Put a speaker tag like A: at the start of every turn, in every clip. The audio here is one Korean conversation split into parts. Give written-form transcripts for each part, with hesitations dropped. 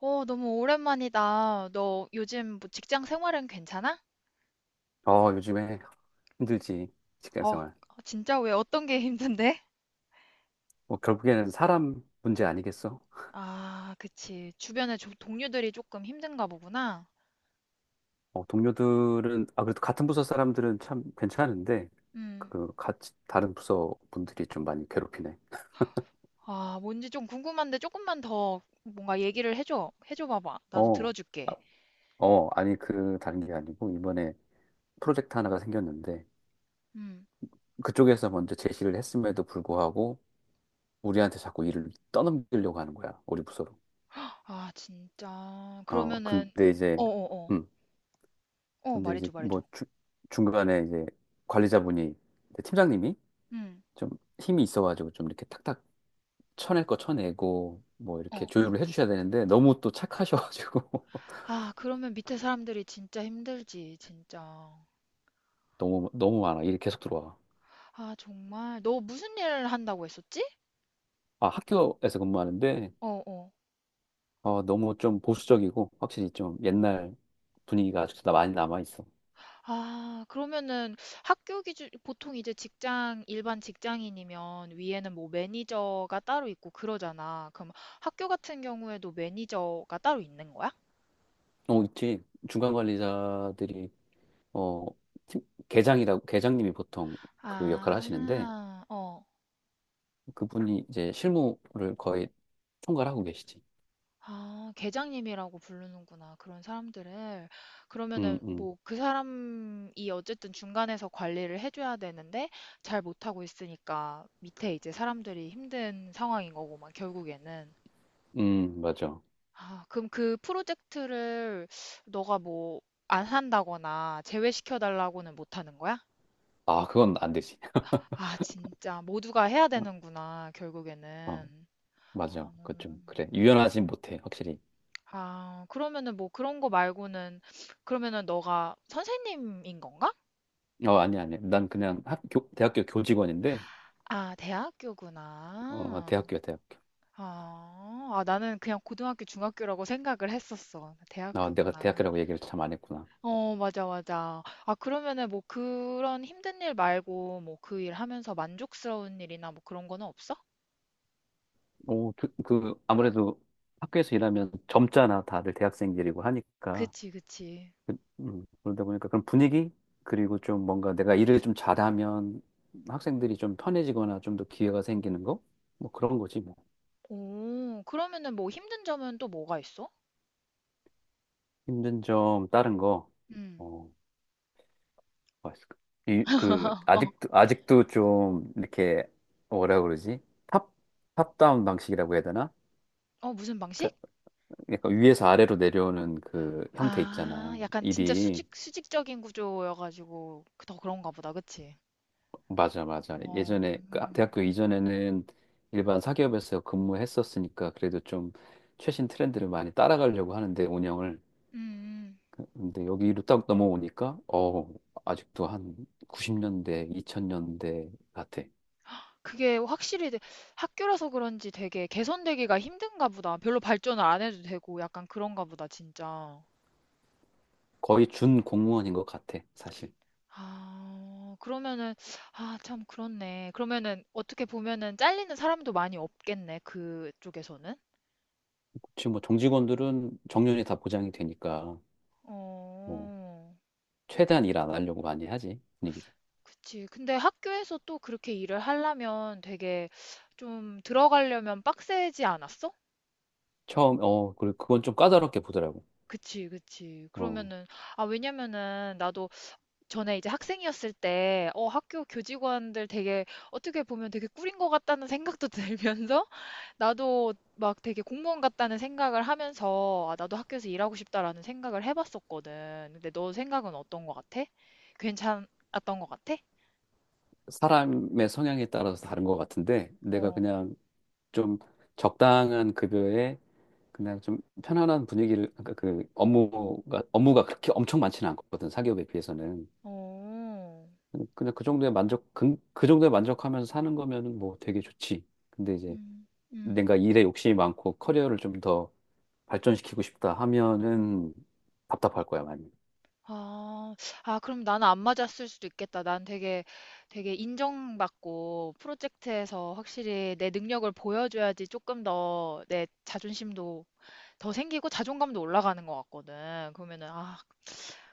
A: 어, 너무 오랜만이다. 너 요즘 뭐 직장 생활은 괜찮아?
B: 요즘에 힘들지, 직장
A: 어,
B: 생활.
A: 아, 진짜 왜 어떤 게 힘든데?
B: 뭐, 결국에는 사람 문제 아니겠어?
A: 아, 그치. 주변에 동료들이 조금 힘든가 보구나.
B: 동료들은, 아, 그래도 같은 부서 사람들은 참 괜찮은데,
A: 음.
B: 그, 같이, 다른 부서 분들이 좀 많이 괴롭히네.
A: 아, 뭔지 좀 궁금한데 조금만 더 뭔가 얘기를 해줘. 해줘 봐봐. 나도
B: 어, 아,
A: 들어줄게.
B: 아니, 그, 다른 게 아니고, 이번에 프로젝트 하나가 생겼는데,
A: 음.
B: 그쪽에서 먼저 제시를 했음에도 불구하고, 우리한테 자꾸 일을 떠넘기려고 하는 거야, 우리 부서로.
A: 아, 진짜.
B: 어,
A: 그러면은,
B: 근데 이제,
A: 어어어. 어,
B: 음,
A: 어. 어, 말해줘, 말해줘.
B: 뭐, 중간에 이제, 관리자분이, 팀장님이,
A: 음.
B: 좀 힘이 있어가지고 좀 이렇게 탁탁 쳐낼 거 쳐내고 뭐 이렇게
A: 어.
B: 조율을 해주셔야 되는데 너무 또 착하셔가지고
A: 아, 그러면 밑에 사람들이 진짜 힘들지, 진짜.
B: 너무 너무 많아, 일이 계속 들어와.
A: 아, 정말. 너 무슨 일을 한다고 했었지?
B: 아, 학교에서 근무하는데
A: 어어.
B: 어, 너무 좀 보수적이고 확실히 좀 옛날 분위기가 아직도 많이 남아 있어.
A: 아 그러면은 학교 기준 보통 이제 직장 일반 직장인이면 위에는 뭐 매니저가 따로 있고 그러잖아. 그럼 학교 같은 경우에도 매니저가 따로 있는 거야?
B: 어, 있지. 중간 관리자들이 어 팀- 계장이라고, 계장님이 보통 그 역할을 하시는데
A: 아, 어.
B: 그분이 이제 실무를 거의 총괄하고 계시지.
A: 아, 계장님이라고 부르는구나. 그런 사람들을.
B: 음
A: 그러면은
B: 음,
A: 뭐 그 사람이 어쨌든 중간에서 관리를 해줘야 되는데 잘 못하고 있으니까 밑에 이제 사람들이 힘든 상황인 거고 막 결국에는.
B: 맞아.
A: 아, 그럼 그 프로젝트를 너가 뭐 안 한다거나 제외시켜 달라고는 못 하는 거야?
B: 아, 그건 안 되지.
A: 아, 진짜 모두가 해야 되는구나,
B: 어,
A: 결국에는. 어,
B: 맞아. 그 좀 그래. 유연하진 못해, 확실히.
A: 아, 그러면은 뭐 그런 거 말고는 그러면은 너가 선생님인 건가?
B: 어, 아니 아니. 난 그냥 학교 대학교 교직원인데
A: 아, 대학교구나.
B: 어, 대학교야, 대학교.
A: 아, 아, 나는 그냥 고등학교, 중학교라고 생각을 했었어.
B: 아, 내가
A: 대학교구나.
B: 대학교라고 얘기를 참 안 했구나.
A: 어 맞아, 맞아. 아 그러면은 뭐 그런 힘든 일 말고 뭐 그 일 하면서 만족스러운 일이나 뭐 그런 거는 없어?
B: 오, 그, 그 아무래도 학교에서 일하면 젊잖아. 다들 대학생들이고 하니까.
A: 그치, 그치.
B: 그, 그러다 보니까 그런 분위기, 그리고 좀 뭔가 내가 일을 좀 잘하면 학생들이 좀 편해지거나 좀 더 기회가 생기는 거? 뭐 그런 거지 뭐.
A: 오, 그러면은 뭐 힘든 점은 또 뭐가 있어?
B: 힘든 점 다른 거.
A: 음.
B: 어. 맛있을까? 이, 그,
A: 어,
B: 아직도 좀, 이렇게, 뭐라 그러지? 탑, 탑다운 방식이라고 해야 되나?
A: 어 무슨 방식?
B: 그러니까 약간 위에서 아래로 내려오는 그 형태
A: 아,
B: 있잖아.
A: 약간 진짜
B: 일이.
A: 수직적인 구조여가지고 그, 더 그런가 보다, 그치?
B: 맞아, 맞아.
A: 어,
B: 예전에, 그 대학교 이전에는 일반 사기업에서 근무했었으니까 그래도 좀 최신 트렌드를 많이 따라가려고 하는데, 운영을.
A: 음. 음.
B: 근데 여기로 딱 넘어오니까, 어, 아직도 한 90년대, 2000년대 같아.
A: 그게 확실히 되- 학교라서 그런지 되게 개선되기가 힘든가 보다. 별로 발전을 안 해도 되고 약간 그런가 보다, 진짜.
B: 거의 준 공무원인 것 같아, 사실.
A: 아 그러면은 아 참 그렇네. 그러면은 어떻게 보면은 잘리는 사람도 많이 없겠네. 그쪽에서는.
B: 지금 뭐 정직원들은 정년이 다 보장이 되니까 뭐
A: 어.
B: 최대한 일 안 하려고 많이 하지, 분위기가.
A: 그치. 근데 학교에서 또 그렇게 일을 하려면 되게 좀 들어가려면 빡세지 않았어?
B: 처음 어 그리고 그건 좀 까다롭게 보더라고.
A: 그치, 그치.
B: 어,
A: 그러면은, 아, 왜냐면은 나도 전에 이제 학생이었을 때 어 학교 교직원들 되게 어떻게 보면 되게 꿀인 것 같다는 생각도 들면서 나도 막 되게 공무원 같다는 생각을 하면서 아, 나도 학교에서 일하고 싶다라는 생각을 해봤었거든. 근데 너 생각은 어떤 것 같아? 괜찮았던 것 같아?
B: 사람의 성향에 따라서 다른 것 같은데 내가
A: 어,
B: 그냥 좀 적당한 급여에 그냥 좀 편안한 분위기를, 그러니까 그 업무가 그렇게 엄청 많지는 않거든, 사기업에 비해서는.
A: 어,
B: 그냥 그 정도에 만족, 그, 그 정도에 만족하면서 사는 거면은 뭐 되게 좋지. 근데 이제
A: 음, 음.
B: 내가 일에 욕심이 많고 커리어를 좀더 발전시키고 싶다 하면은 답답할 거야, 많이.
A: 아. 아 그럼 나는 안 맞았을 수도 있겠다. 난 되게 되게 인정받고 프로젝트에서 확실히 내 능력을 보여줘야지 조금 더 내 자존심도 더 생기고 자존감도 올라가는 것 같거든. 그러면은 아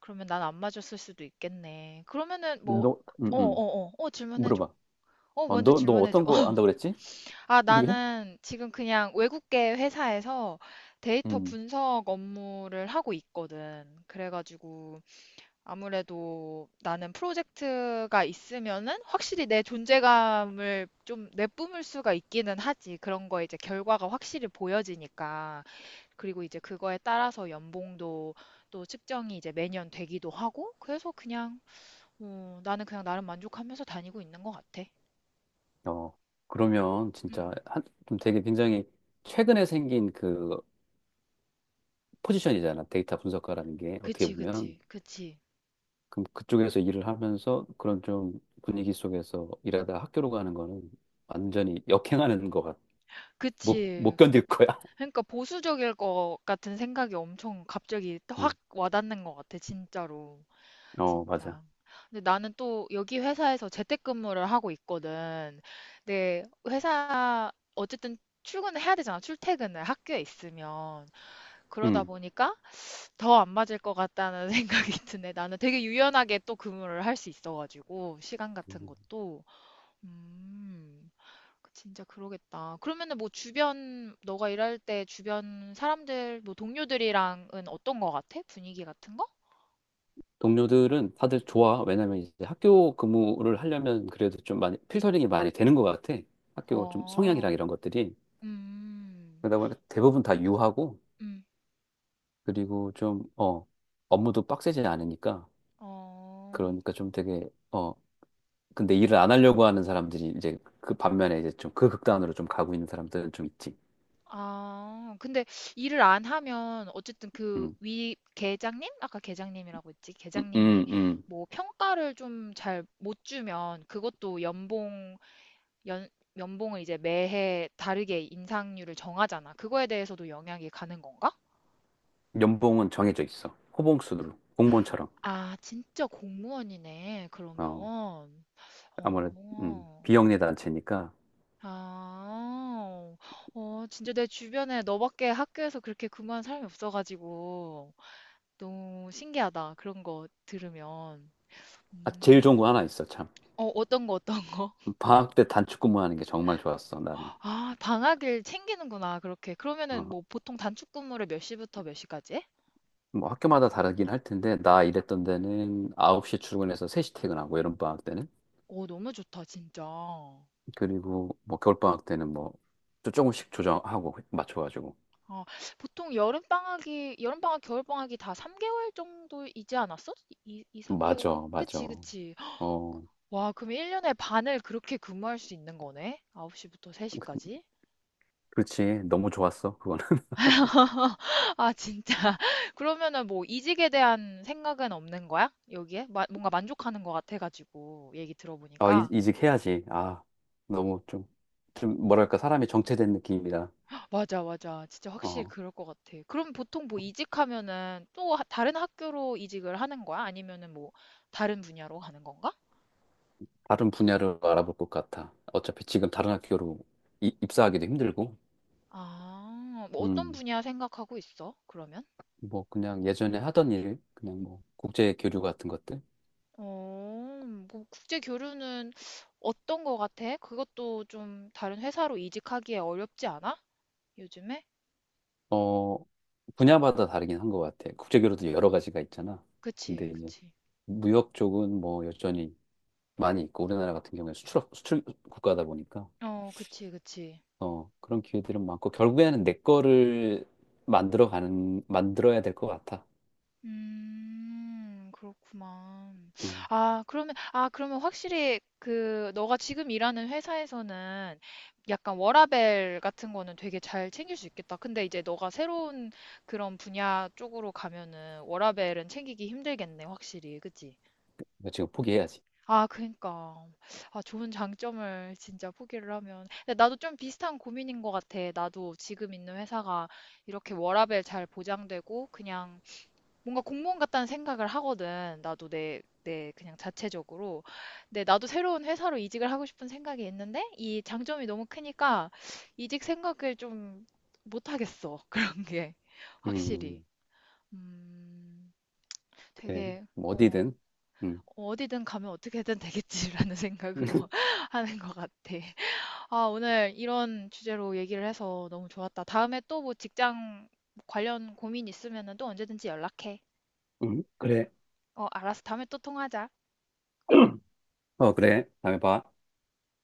A: 그러면 난 안 맞았을 수도 있겠네. 그러면은 뭐
B: 너,
A: 어
B: 음, 음.
A: 어어. 어 질문해 줘.
B: 물어봐.
A: 어
B: 어,
A: 먼저
B: 너
A: 질문해 줘.
B: 어떤 거 안다고 그랬지?
A: 아
B: 이래?
A: 나는 지금 그냥 외국계 회사에서 데이터
B: 음.
A: 분석 업무를 하고 있거든. 그래 가지고 아무래도 나는 프로젝트가 있으면은 확실히 내 존재감을 좀 내뿜을 수가 있기는 하지. 그런 거에 이제 결과가 확실히 보여지니까. 그리고 이제 그거에 따라서 연봉도 또 측정이 이제 매년 되기도 하고. 그래서 그냥, 어, 나는 그냥 나름 만족하면서 다니고 있는 것 같아.
B: 어, 그러면 진짜
A: 음,
B: 한, 좀 되게 굉장히 최근에 생긴 그 포지션이잖아. 데이터 분석가라는 게 어떻게
A: 그치,
B: 보면.
A: 그치, 그치,
B: 그럼 그쪽에서 일을 하면서 그런 좀 분위기 속에서 일하다 학교로 가는 거는 완전히 역행하는 거 같. 못, 못
A: 그치.
B: 견딜 거야.
A: 그러니까 보수적일 것 같은 생각이 엄청 갑자기 확
B: 음.
A: 와닿는 것 같아, 진짜로.
B: 어, 맞아.
A: 진짜. 근데 나는 또 여기 회사에서 재택근무를 하고 있거든. 근데 회사 어쨌든 출근을 해야 되잖아. 출퇴근을 학교에 있으면. 그러다
B: 음.
A: 보니까 더 안 맞을 것 같다는 생각이 드네. 나는 되게 유연하게 또 근무를 할 수 있어가지고 시간 같은 것도. 음. 그 진짜 그러겠다. 그러면은 뭐 주변 너가 일할 때 주변 사람들 뭐 동료들이랑은 어떤 거 같아? 분위기 같은 거?
B: 동료들은 다들 좋아. 왜냐면 이제 학교 근무를 하려면 그래도 좀 많이 필터링이 많이 되는 것 같아. 학교 좀 성향이랑
A: 어.
B: 이런 것들이.
A: 음.
B: 그러다 보니까 대부분 다 유하고,
A: 음.
B: 그리고 좀, 어, 업무도 빡세지 않으니까.
A: 어.
B: 그러니까 좀 되게, 어, 근데 일을 안 하려고 하는 사람들이 이제 그 반면에 이제 좀 그 극단으로 좀 가고 있는 사람들은 좀 있지.
A: 아, 근데 일을 안 하면 어쨌든 그
B: 음,
A: 위 계장님? 아까 계장님이라고 했지.
B: 음,
A: 계장님이
B: 음, 음.
A: 뭐 평가를 좀 잘 못 주면 그것도 연봉 연 연봉을 이제 매해 다르게 인상률을 정하잖아. 그거에 대해서도 영향이 가는 건가?
B: 연봉은 정해져 있어. 호봉수로. 공무원처럼.
A: 아, 진짜 공무원이네. 그러면.
B: 어, 아무래도,
A: 어.
B: 비영리 단체니까.
A: 아. 어, 진짜 내 주변에 너밖에 학교에서 그렇게 근무한 사람이 없어가지고. 너무 신기하다. 그런 거 들으면.
B: 아, 제일
A: 음.
B: 좋은 거 하나 있어, 참.
A: 어, 어떤 거, 어떤 거.
B: 방학 때 단축 근무하는 게 정말 좋았어, 나는.
A: 아, 방학일 챙기는구나. 그렇게. 그러면은
B: 어,
A: 뭐 보통 단축 근무를 몇 시부터 몇 시까지 해?
B: 뭐 학교마다 다르긴 할 텐데, 나 일했던 데는 9시 출근해서 3시 퇴근하고, 여름방학 때는.
A: 오, 너무 좋다, 진짜. 어,
B: 그리고 뭐 겨울방학 때는 뭐 조금씩 조정하고, 맞춰가지고.
A: 보통 여름방학이, 여름방학, 겨울방학이 다 3개월 정도이지 않았어? 이 2, 3개월?
B: 맞아, 맞아.
A: 그치, 그치.
B: 어,
A: 와, 그럼 1년에 반을 그렇게 근무할 수 있는 거네? 9시부터
B: 그-
A: 3시까지?
B: 그렇지. 너무 좋았어, 그거는.
A: 아, 진짜. 그러면은 뭐 이직에 대한 생각은 없는 거야? 여기에? 뭔가 만족하는 것 같아가지고 얘기
B: 아,
A: 들어보니까.
B: 이직해야지. 아, 너무 좀, 좀 뭐랄까, 사람이 정체된 느낌이라.
A: 맞아, 맞아. 진짜 확실히
B: 어,
A: 그럴 것 같아. 그럼 보통 뭐 이직하면은 또 다른 학교로 이직을 하는 거야? 아니면은 뭐 다른 분야로 가는 건가?
B: 다른 분야를 알아볼 것 같아. 어차피 지금 다른 학교로 입사하기도 힘들고.
A: 아, 뭐 어떤
B: 음.
A: 분야 생각하고 있어? 그러면?
B: 뭐 그냥 예전에 하던 일, 그냥 뭐 국제 교류 같은 것들.
A: 어, 뭐 국제 교류는 어떤 거 같아? 그것도 좀 다른 회사로 이직하기에 어렵지 않아? 요즘에?
B: 어, 분야마다 다르긴 한 것 같아. 국제 교류도 여러 가지가 있잖아. 근데
A: 그치,
B: 이제
A: 그치.
B: 무역 쪽은 뭐 여전히 많이 있고 우리나라 같은 경우에 수출 국가다 보니까
A: 어, 그치, 그치.
B: 어, 그런 기회들은 많고 결국에는 내 거를 만들어야 될 것 같아.
A: 그렇구만.
B: 음.
A: 아, 그러면, 아, 그러면 확실히 그, 너가 지금 일하는 회사에서는 약간 워라밸 같은 거는 되게 잘 챙길 수 있겠다. 근데 이제 너가 새로운 그런 분야 쪽으로 가면은 워라밸은 챙기기 힘들겠네, 확실히. 그치?
B: 이거 지금 포기해야지.
A: 아, 그니까. 아, 좋은 장점을 진짜 포기를 하면. 근데 나도 좀 비슷한 고민인 것 같아. 나도 지금 있는 회사가 이렇게 워라밸 잘 보장되고 그냥 뭔가 공무원 같다는 생각을 하거든. 나도 내, 내 그냥 자체적으로. 근데 나도 새로운 회사로 이직을 하고 싶은 생각이 있는데 이 장점이 너무 크니까 이직 생각을 좀 못하겠어. 그런 게 확실히.
B: 음.
A: 음,
B: 그래.
A: 되게
B: 뭐
A: 어,
B: 어디든. 음.
A: 어디든 가면 어떻게든 되겠지라는 생각으로 하는 것 같아. 아, 오늘 이런 주제로 얘기를 해서 너무 좋았다. 다음에 또 뭐 직장 관련 고민 있으면 또 언제든지 연락해.
B: 그래.
A: 어, 알았어. 다음에 또 통화하자.
B: 어, 그래. 다음에 봐.